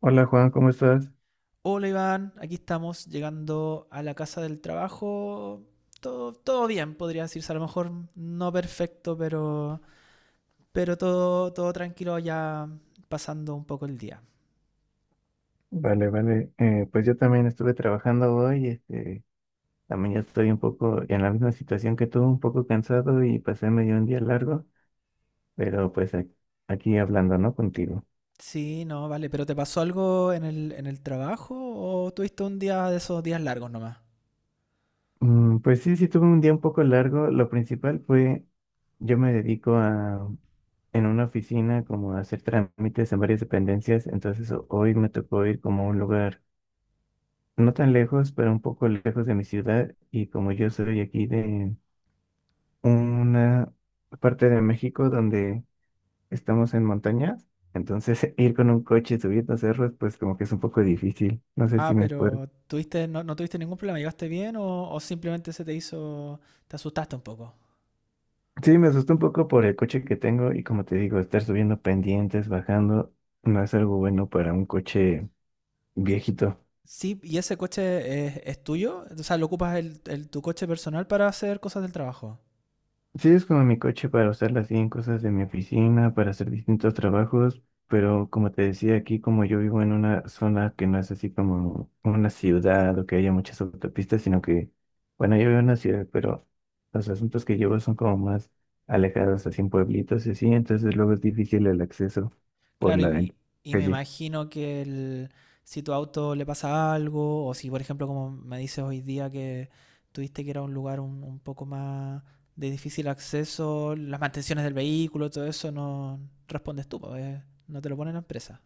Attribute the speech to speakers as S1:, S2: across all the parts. S1: Hola Juan, ¿cómo estás?
S2: Hola Iván, aquí estamos llegando a la casa del trabajo. Todo bien, podría decirse. A lo mejor no perfecto, pero, pero todo tranquilo ya pasando un poco el día.
S1: Vale, vale. Pues yo también estuve trabajando hoy, también ya estoy un poco en la misma situación que tú, un poco cansado y pasé medio un día largo, pero pues aquí hablando, ¿no? Contigo.
S2: Sí, no, vale. ¿Pero te pasó algo en el trabajo o tuviste un día de esos días largos nomás?
S1: Pues sí, sí tuve un día un poco largo. Lo principal fue, yo me dedico a, en una oficina como a hacer trámites en varias dependencias, entonces hoy me tocó ir como a un lugar no tan lejos, pero un poco lejos de mi ciudad y como yo soy aquí de una parte de México donde estamos en montañas, entonces ir con un coche subiendo cerros, pues como que es un poco difícil. No sé
S2: Ah,
S1: si me puedo.
S2: pero tuviste, no, no tuviste ningún problema, ¿llegaste bien o simplemente se te hizo, te asustaste un poco?
S1: Sí, me asustó un poco por el coche que tengo y como te digo, estar subiendo pendientes, bajando, no es algo bueno para un coche viejito.
S2: Sí, ¿y ese coche es tuyo? O sea, ¿lo ocupas tu coche personal para hacer cosas del trabajo?
S1: Sí, es como mi coche para usarla así en cosas de mi oficina, para hacer distintos trabajos, pero como te decía aquí, como yo vivo en una zona que no es así como una ciudad o que haya muchas autopistas, sino que, bueno, yo vivo en una ciudad, pero los asuntos que llevo son como más alejados, así en pueblitos y así, entonces luego es difícil el acceso por
S2: Claro,
S1: la
S2: y, y me
S1: calle.
S2: imagino si tu auto le pasa algo, o si por ejemplo como me dices hoy día que tuviste que era un lugar un poco más de difícil acceso, las mantenciones del vehículo, todo eso no respondes tú, pues, no te lo pone la empresa.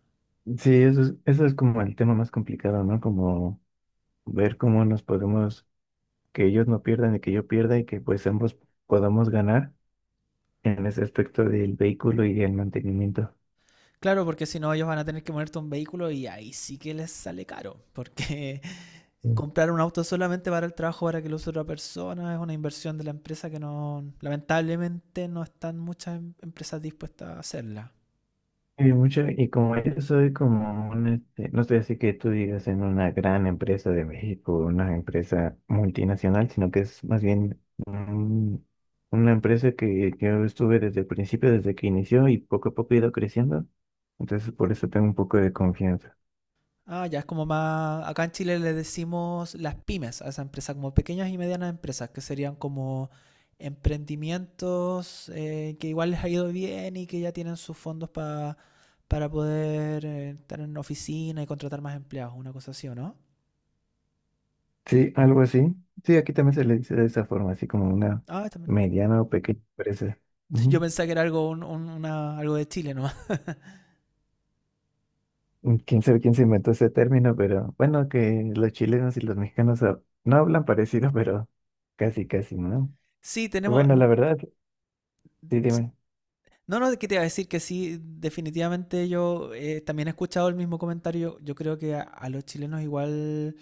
S1: Sí, eso es como el tema más complicado, ¿no? Como ver cómo nos podemos, que ellos no pierdan y que yo pierda y que pues ambos podamos ganar en ese aspecto del vehículo y del mantenimiento.
S2: Claro, porque si no, ellos van a tener que ponerte un vehículo y ahí sí que les sale caro, porque
S1: Mm.
S2: comprar un auto solamente para el trabajo, para que lo use otra persona, es una inversión de la empresa que no, lamentablemente no están muchas empresas dispuestas a hacerla.
S1: Y mucho, y como yo soy como no estoy así que tú digas en una gran empresa de México, una empresa multinacional, sino que es más bien un- una empresa que yo estuve desde el principio, desde que inició y poco a poco he ido creciendo. Entonces, por eso tengo un poco de confianza.
S2: Ah, ya es como más. Acá en Chile le decimos las pymes a esa empresa, como pequeñas y medianas empresas, que serían como emprendimientos que igual les ha ido bien y que ya tienen sus fondos para poder estar en oficina y contratar más empleados, una cosa así, ¿o no?
S1: Sí, algo así. Sí, aquí también se le dice de esa forma, así como una
S2: Ah, también.
S1: mediana o pequeña empresa.
S2: Yo
S1: Ujú.
S2: pensaba que era algo, algo de Chile nomás.
S1: Quién sabe quién se inventó ese término, pero bueno, que los chilenos y los mexicanos no hablan parecido, pero casi, casi, ¿no?
S2: Sí, tenemos.
S1: Bueno, la verdad, sí,
S2: S-
S1: dime.
S2: No, no, ¿qué te iba a decir? Que sí, definitivamente yo también he escuchado el mismo comentario. Yo creo que a los chilenos igual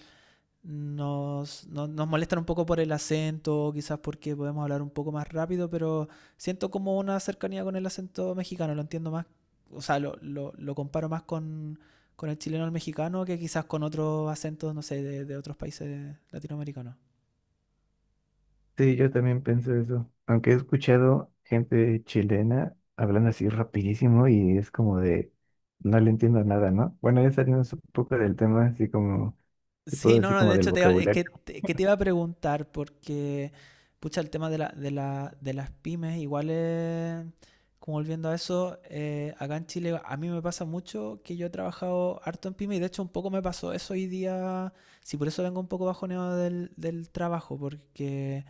S2: Nos, no- nos molestan un poco por el acento, quizás porque podemos hablar un poco más rápido, pero siento como una cercanía con el acento mexicano, lo entiendo más, o sea, lo comparo más con el chileno al mexicano que quizás con otros acentos, no sé, de otros países latinoamericanos.
S1: Sí, yo también pienso eso. Aunque he escuchado gente chilena hablando así rapidísimo y es como de, no le entiendo nada, ¿no? Bueno, ya salimos un poco del tema, así como, te puedo
S2: Sí, no,
S1: decir
S2: no,
S1: como
S2: de
S1: del
S2: hecho es que,
S1: vocabulario.
S2: que te iba a preguntar porque, pucha, el tema de las pymes, igual es, como volviendo a eso, acá en Chile a mí me pasa mucho que yo he trabajado harto en pymes y de hecho un poco me pasó eso hoy día, sí, por eso vengo un poco bajoneado del trabajo, porque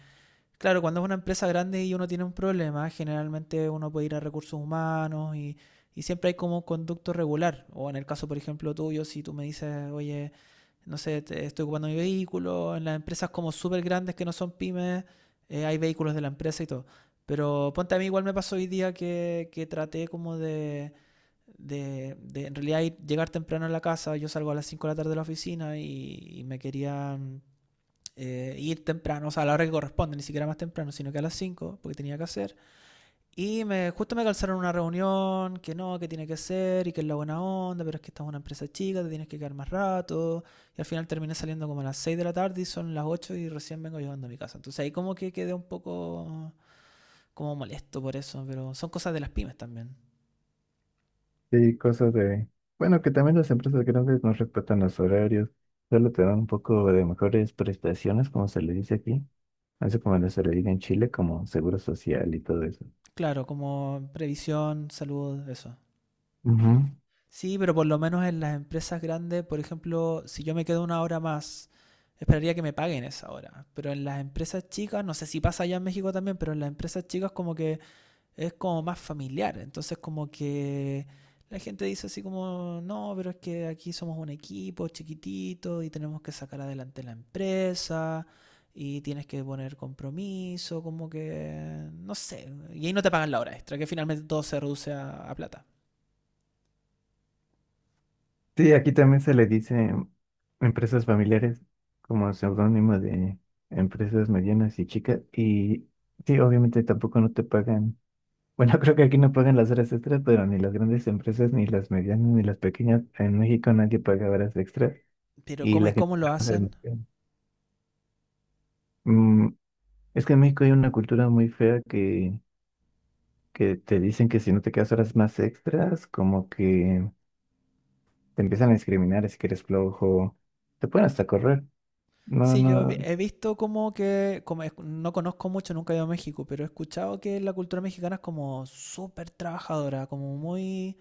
S2: claro, cuando es una empresa grande y uno tiene un problema, generalmente uno puede ir a recursos humanos y siempre hay como un conducto regular. O en el caso, por ejemplo, tuyo, si tú me dices, oye, no sé, estoy ocupando mi vehículo, en las empresas como súper grandes que no son pymes, hay vehículos de la empresa y todo. Pero ponte a mí, igual me pasó hoy día que traté como de en realidad llegar temprano a la casa. Yo salgo a las 5 de la tarde de la oficina y me quería ir temprano, o sea, a la hora que corresponde, ni siquiera más temprano, sino que a las 5 porque tenía que hacer. Y justo me calzaron una reunión, que no, que tiene que ser, y que es la buena onda, pero es que esta es una empresa chica, te tienes que quedar más rato. Y al final terminé saliendo como a las 6 de la tarde y son las 8 y recién vengo llegando a mi casa. Entonces ahí como que quedé un poco como molesto por eso, pero son cosas de las pymes también.
S1: Sí, cosas de, bueno, que también las empresas grandes no respetan los horarios, solo te dan un poco de mejores prestaciones, como se le dice aquí. Eso como no se le dice en Chile, como seguro social y todo eso.
S2: Claro, como previsión, salud, eso.
S1: Ujú.
S2: Sí, pero por lo menos en las empresas grandes, por ejemplo, si yo me quedo una hora más, esperaría que me paguen esa hora. Pero en las empresas chicas, no sé si pasa allá en México también, pero en las empresas chicas como que es como más familiar. Entonces como que la gente dice así como, no, pero es que aquí somos un equipo chiquitito y tenemos que sacar adelante la empresa y tienes que poner compromiso, como que, no sé. Y ahí no te pagan la hora extra, que finalmente todo se reduce a plata.
S1: Sí, aquí también se le dice empresas familiares como seudónimo de empresas medianas y chicas. Y sí, obviamente tampoco no te pagan. Bueno, creo que aquí no pagan las horas extras, pero ni las grandes empresas, ni las medianas, ni las pequeñas. En México nadie paga horas extras
S2: Pero
S1: y
S2: cómo
S1: la
S2: y
S1: gente
S2: cómo lo
S1: trabaja
S2: hacen.
S1: demasiado. Mm, es que en México hay una cultura muy fea que te dicen que si no te quedas horas más extras, como que te empiezan a discriminar si que eres flojo. Te pueden hasta correr. No,
S2: Sí, yo
S1: no,
S2: he visto como que, como no conozco mucho, nunca he ido a México, pero he escuchado que la cultura mexicana es como súper trabajadora, como muy,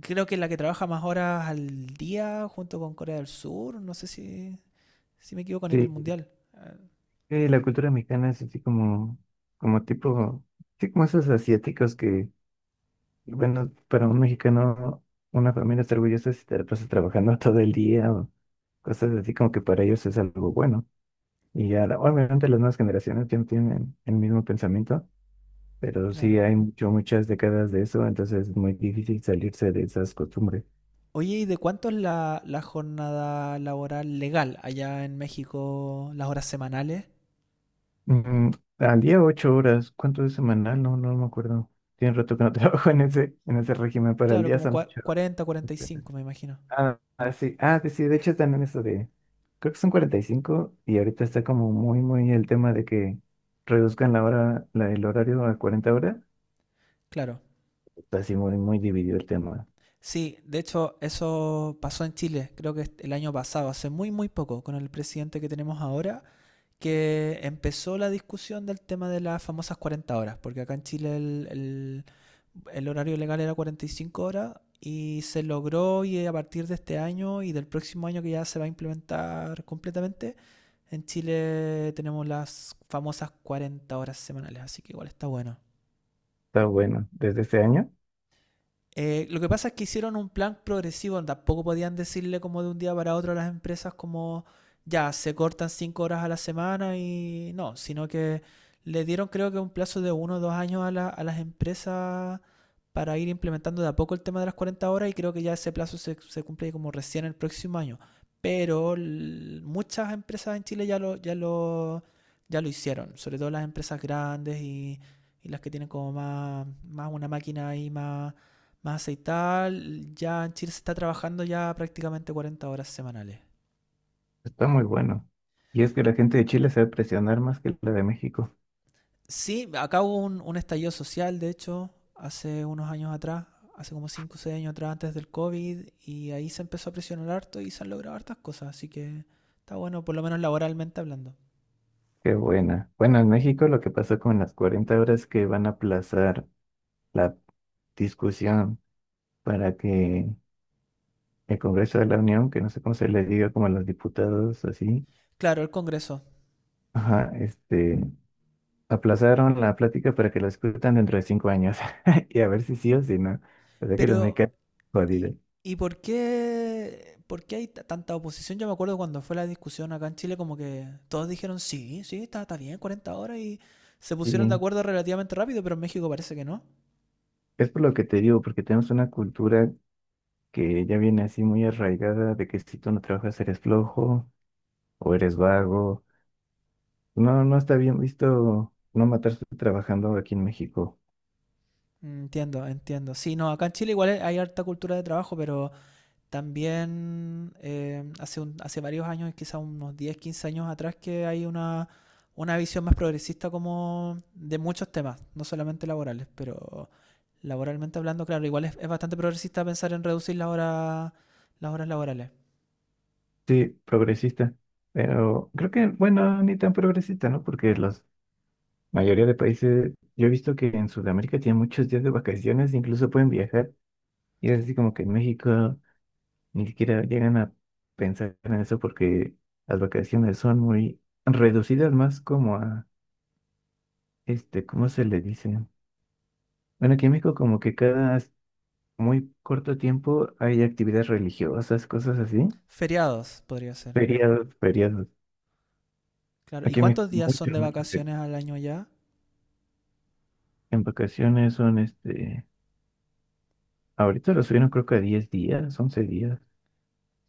S2: creo que es la que trabaja más horas al día junto con Corea del Sur, no sé si me equivoco a nivel
S1: sí.
S2: mundial. Ah,
S1: Sí, la cultura mexicana es así como, como tipo, sí, como esos asiáticos que, bueno, para un mexicano, una familia está orgullosa si te la pasas trabajando todo el día o cosas así como que para ellos es algo bueno. Y ya, obviamente las nuevas generaciones ya no tienen el mismo pensamiento, pero sí
S2: claro.
S1: hay mucho, muchas décadas de eso, entonces es muy difícil salirse de esas costumbres.
S2: Oye, ¿y de cuánto es la jornada laboral legal allá en México, las horas semanales?
S1: Mm, Al día 8 horas, ¿cuánto es semanal? No, no me acuerdo. Tiene rato que no trabajo en ese régimen, pero al
S2: Claro,
S1: día
S2: como
S1: son 8 horas.
S2: 40, 45, me imagino.
S1: Ah, ah, sí, ah, sí, sí, de hecho están en eso de, creo que son 45 y ahorita está como muy, muy el tema de que reduzcan la hora, la, el horario a 40 horas.
S2: Claro.
S1: Está así muy, muy dividido el tema.
S2: Sí, de hecho, eso pasó en Chile, creo que el año pasado, hace muy, muy poco, con el presidente que tenemos ahora, que empezó la discusión del tema de las famosas 40 horas, porque acá en Chile el horario legal era 45 horas y se logró y a partir de este año y del próximo año que ya se va a implementar completamente, en Chile tenemos las famosas 40 horas semanales, así que igual está bueno.
S1: Está bueno, desde este año
S2: Lo que pasa es que hicieron un plan progresivo, tampoco podían decirle como de un día para otro a las empresas como ya se cortan 5 horas a la semana y no, sino que le dieron creo que un plazo de 1 o 2 años a las empresas para ir implementando de a poco el tema de las 40 horas y creo que ya ese plazo se cumple como recién el próximo año. Pero muchas empresas en Chile ya lo hicieron, sobre todo las empresas grandes y las que tienen como más, más una máquina ahí más más aceitada. Ya en Chile se está trabajando ya prácticamente 40 horas semanales.
S1: está muy bueno. Y es que la gente de Chile sabe presionar más que la de México.
S2: Sí, acá hubo un estallido social, de hecho, hace unos años atrás, hace como 5 o 6 años atrás, antes del COVID, y ahí se empezó a presionar harto y se han logrado hartas cosas, así que está bueno, por lo menos laboralmente hablando.
S1: Qué buena. Bueno, en México lo que pasó con las 40 horas que van a aplazar la discusión para que el Congreso de la Unión, que no sé cómo se le diga como a los diputados así,
S2: Claro, el Congreso.
S1: ajá, aplazaron la plática para que la escutan dentro de 5 años y a ver si sí o si no. O sea que los me
S2: Pero,
S1: caen
S2: ¿Y,
S1: jodidos.
S2: y por qué hay tanta oposición? Yo me acuerdo cuando fue la discusión acá en Chile, como que todos dijeron, sí, sí, está, bien, 40 horas y se pusieron de
S1: Y
S2: acuerdo relativamente rápido, pero en México parece que no.
S1: es por lo que te digo, porque tenemos una cultura que ya viene así muy arraigada de que si tú no trabajas eres flojo o eres vago. No, no está bien visto no matarse trabajando aquí en México.
S2: Entiendo, entiendo. Sí, no, acá en Chile igual hay harta cultura de trabajo, pero también hace varios años, quizás unos 10, 15 años atrás, que hay una visión más progresista como de muchos temas, no solamente laborales, pero laboralmente hablando, claro, igual es bastante progresista pensar en reducir la hora, las horas laborales.
S1: Sí, progresista. Pero creo que, bueno, ni tan progresista, ¿no? Porque la mayoría de países, yo he visto que en Sudamérica tienen muchos días de vacaciones, incluso pueden viajar. Y es así como que en México ni siquiera llegan a pensar en eso porque las vacaciones son muy reducidas más como a, ¿cómo se le dice? Bueno, aquí en México como que cada muy corto tiempo hay actividades religiosas, cosas así.
S2: Feriados podría ser.
S1: Feriados, feriados.
S2: Claro, ¿y
S1: Aquí en México
S2: cuántos días son
S1: muchos,
S2: de
S1: muchos.
S2: vacaciones al año ya?
S1: En vacaciones son este. Ahorita lo subieron creo que a 10 días, 11 días.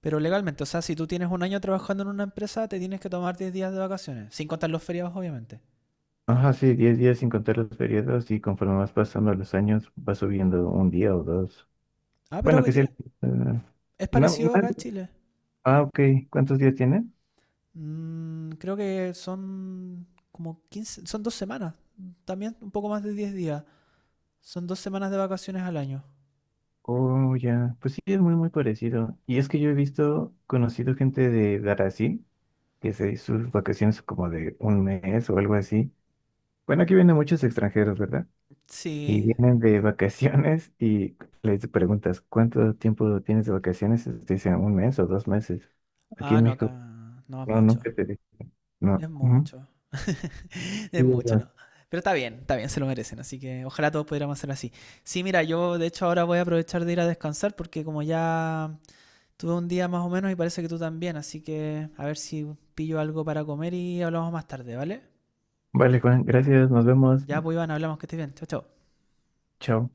S2: Pero legalmente, o sea, si tú tienes un año trabajando en una empresa, te tienes que tomar 10 días de vacaciones, sin contar los feriados, obviamente.
S1: Ajá, sí, 10 días sin contar los periodos y conforme vas pasando los años va subiendo un día o dos.
S2: Ah, pero
S1: Bueno, que sí. No,
S2: es
S1: no-
S2: parecido acá en Chile.
S1: ah, ok. ¿Cuántos días tiene?
S2: Creo que son como 15 son 2 semanas, también un poco más de 10 días. Son dos semanas de vacaciones al año.
S1: Oh, ya. Pues sí, es muy, muy parecido. Y es que yo he visto, conocido gente de Brasil que se hizo sus vacaciones como de un mes o algo así. Bueno, aquí vienen muchos extranjeros, ¿verdad? Y
S2: Sí.
S1: vienen de vacaciones y les preguntas, ¿cuánto tiempo tienes de vacaciones? Y te dicen un mes o 2 meses. Aquí
S2: Ah,
S1: en
S2: no, acá
S1: México,
S2: no es
S1: no,
S2: mucho.
S1: nunca te dicen. No.
S2: Es
S1: Ujú.
S2: mucho.
S1: Sí,
S2: Es mucho,
S1: ya.
S2: ¿no? Pero está bien, se lo merecen. Así que ojalá todos pudiéramos hacer así. Sí, mira, yo de hecho ahora voy a aprovechar de ir a descansar porque como ya tuve un día más o menos y parece que tú también. Así que a ver si pillo algo para comer y hablamos más tarde, ¿vale?
S1: Vale, Juan, gracias, nos vemos.
S2: Ya, pues Iván, hablamos, que estés bien. Chao, chao.
S1: Chao.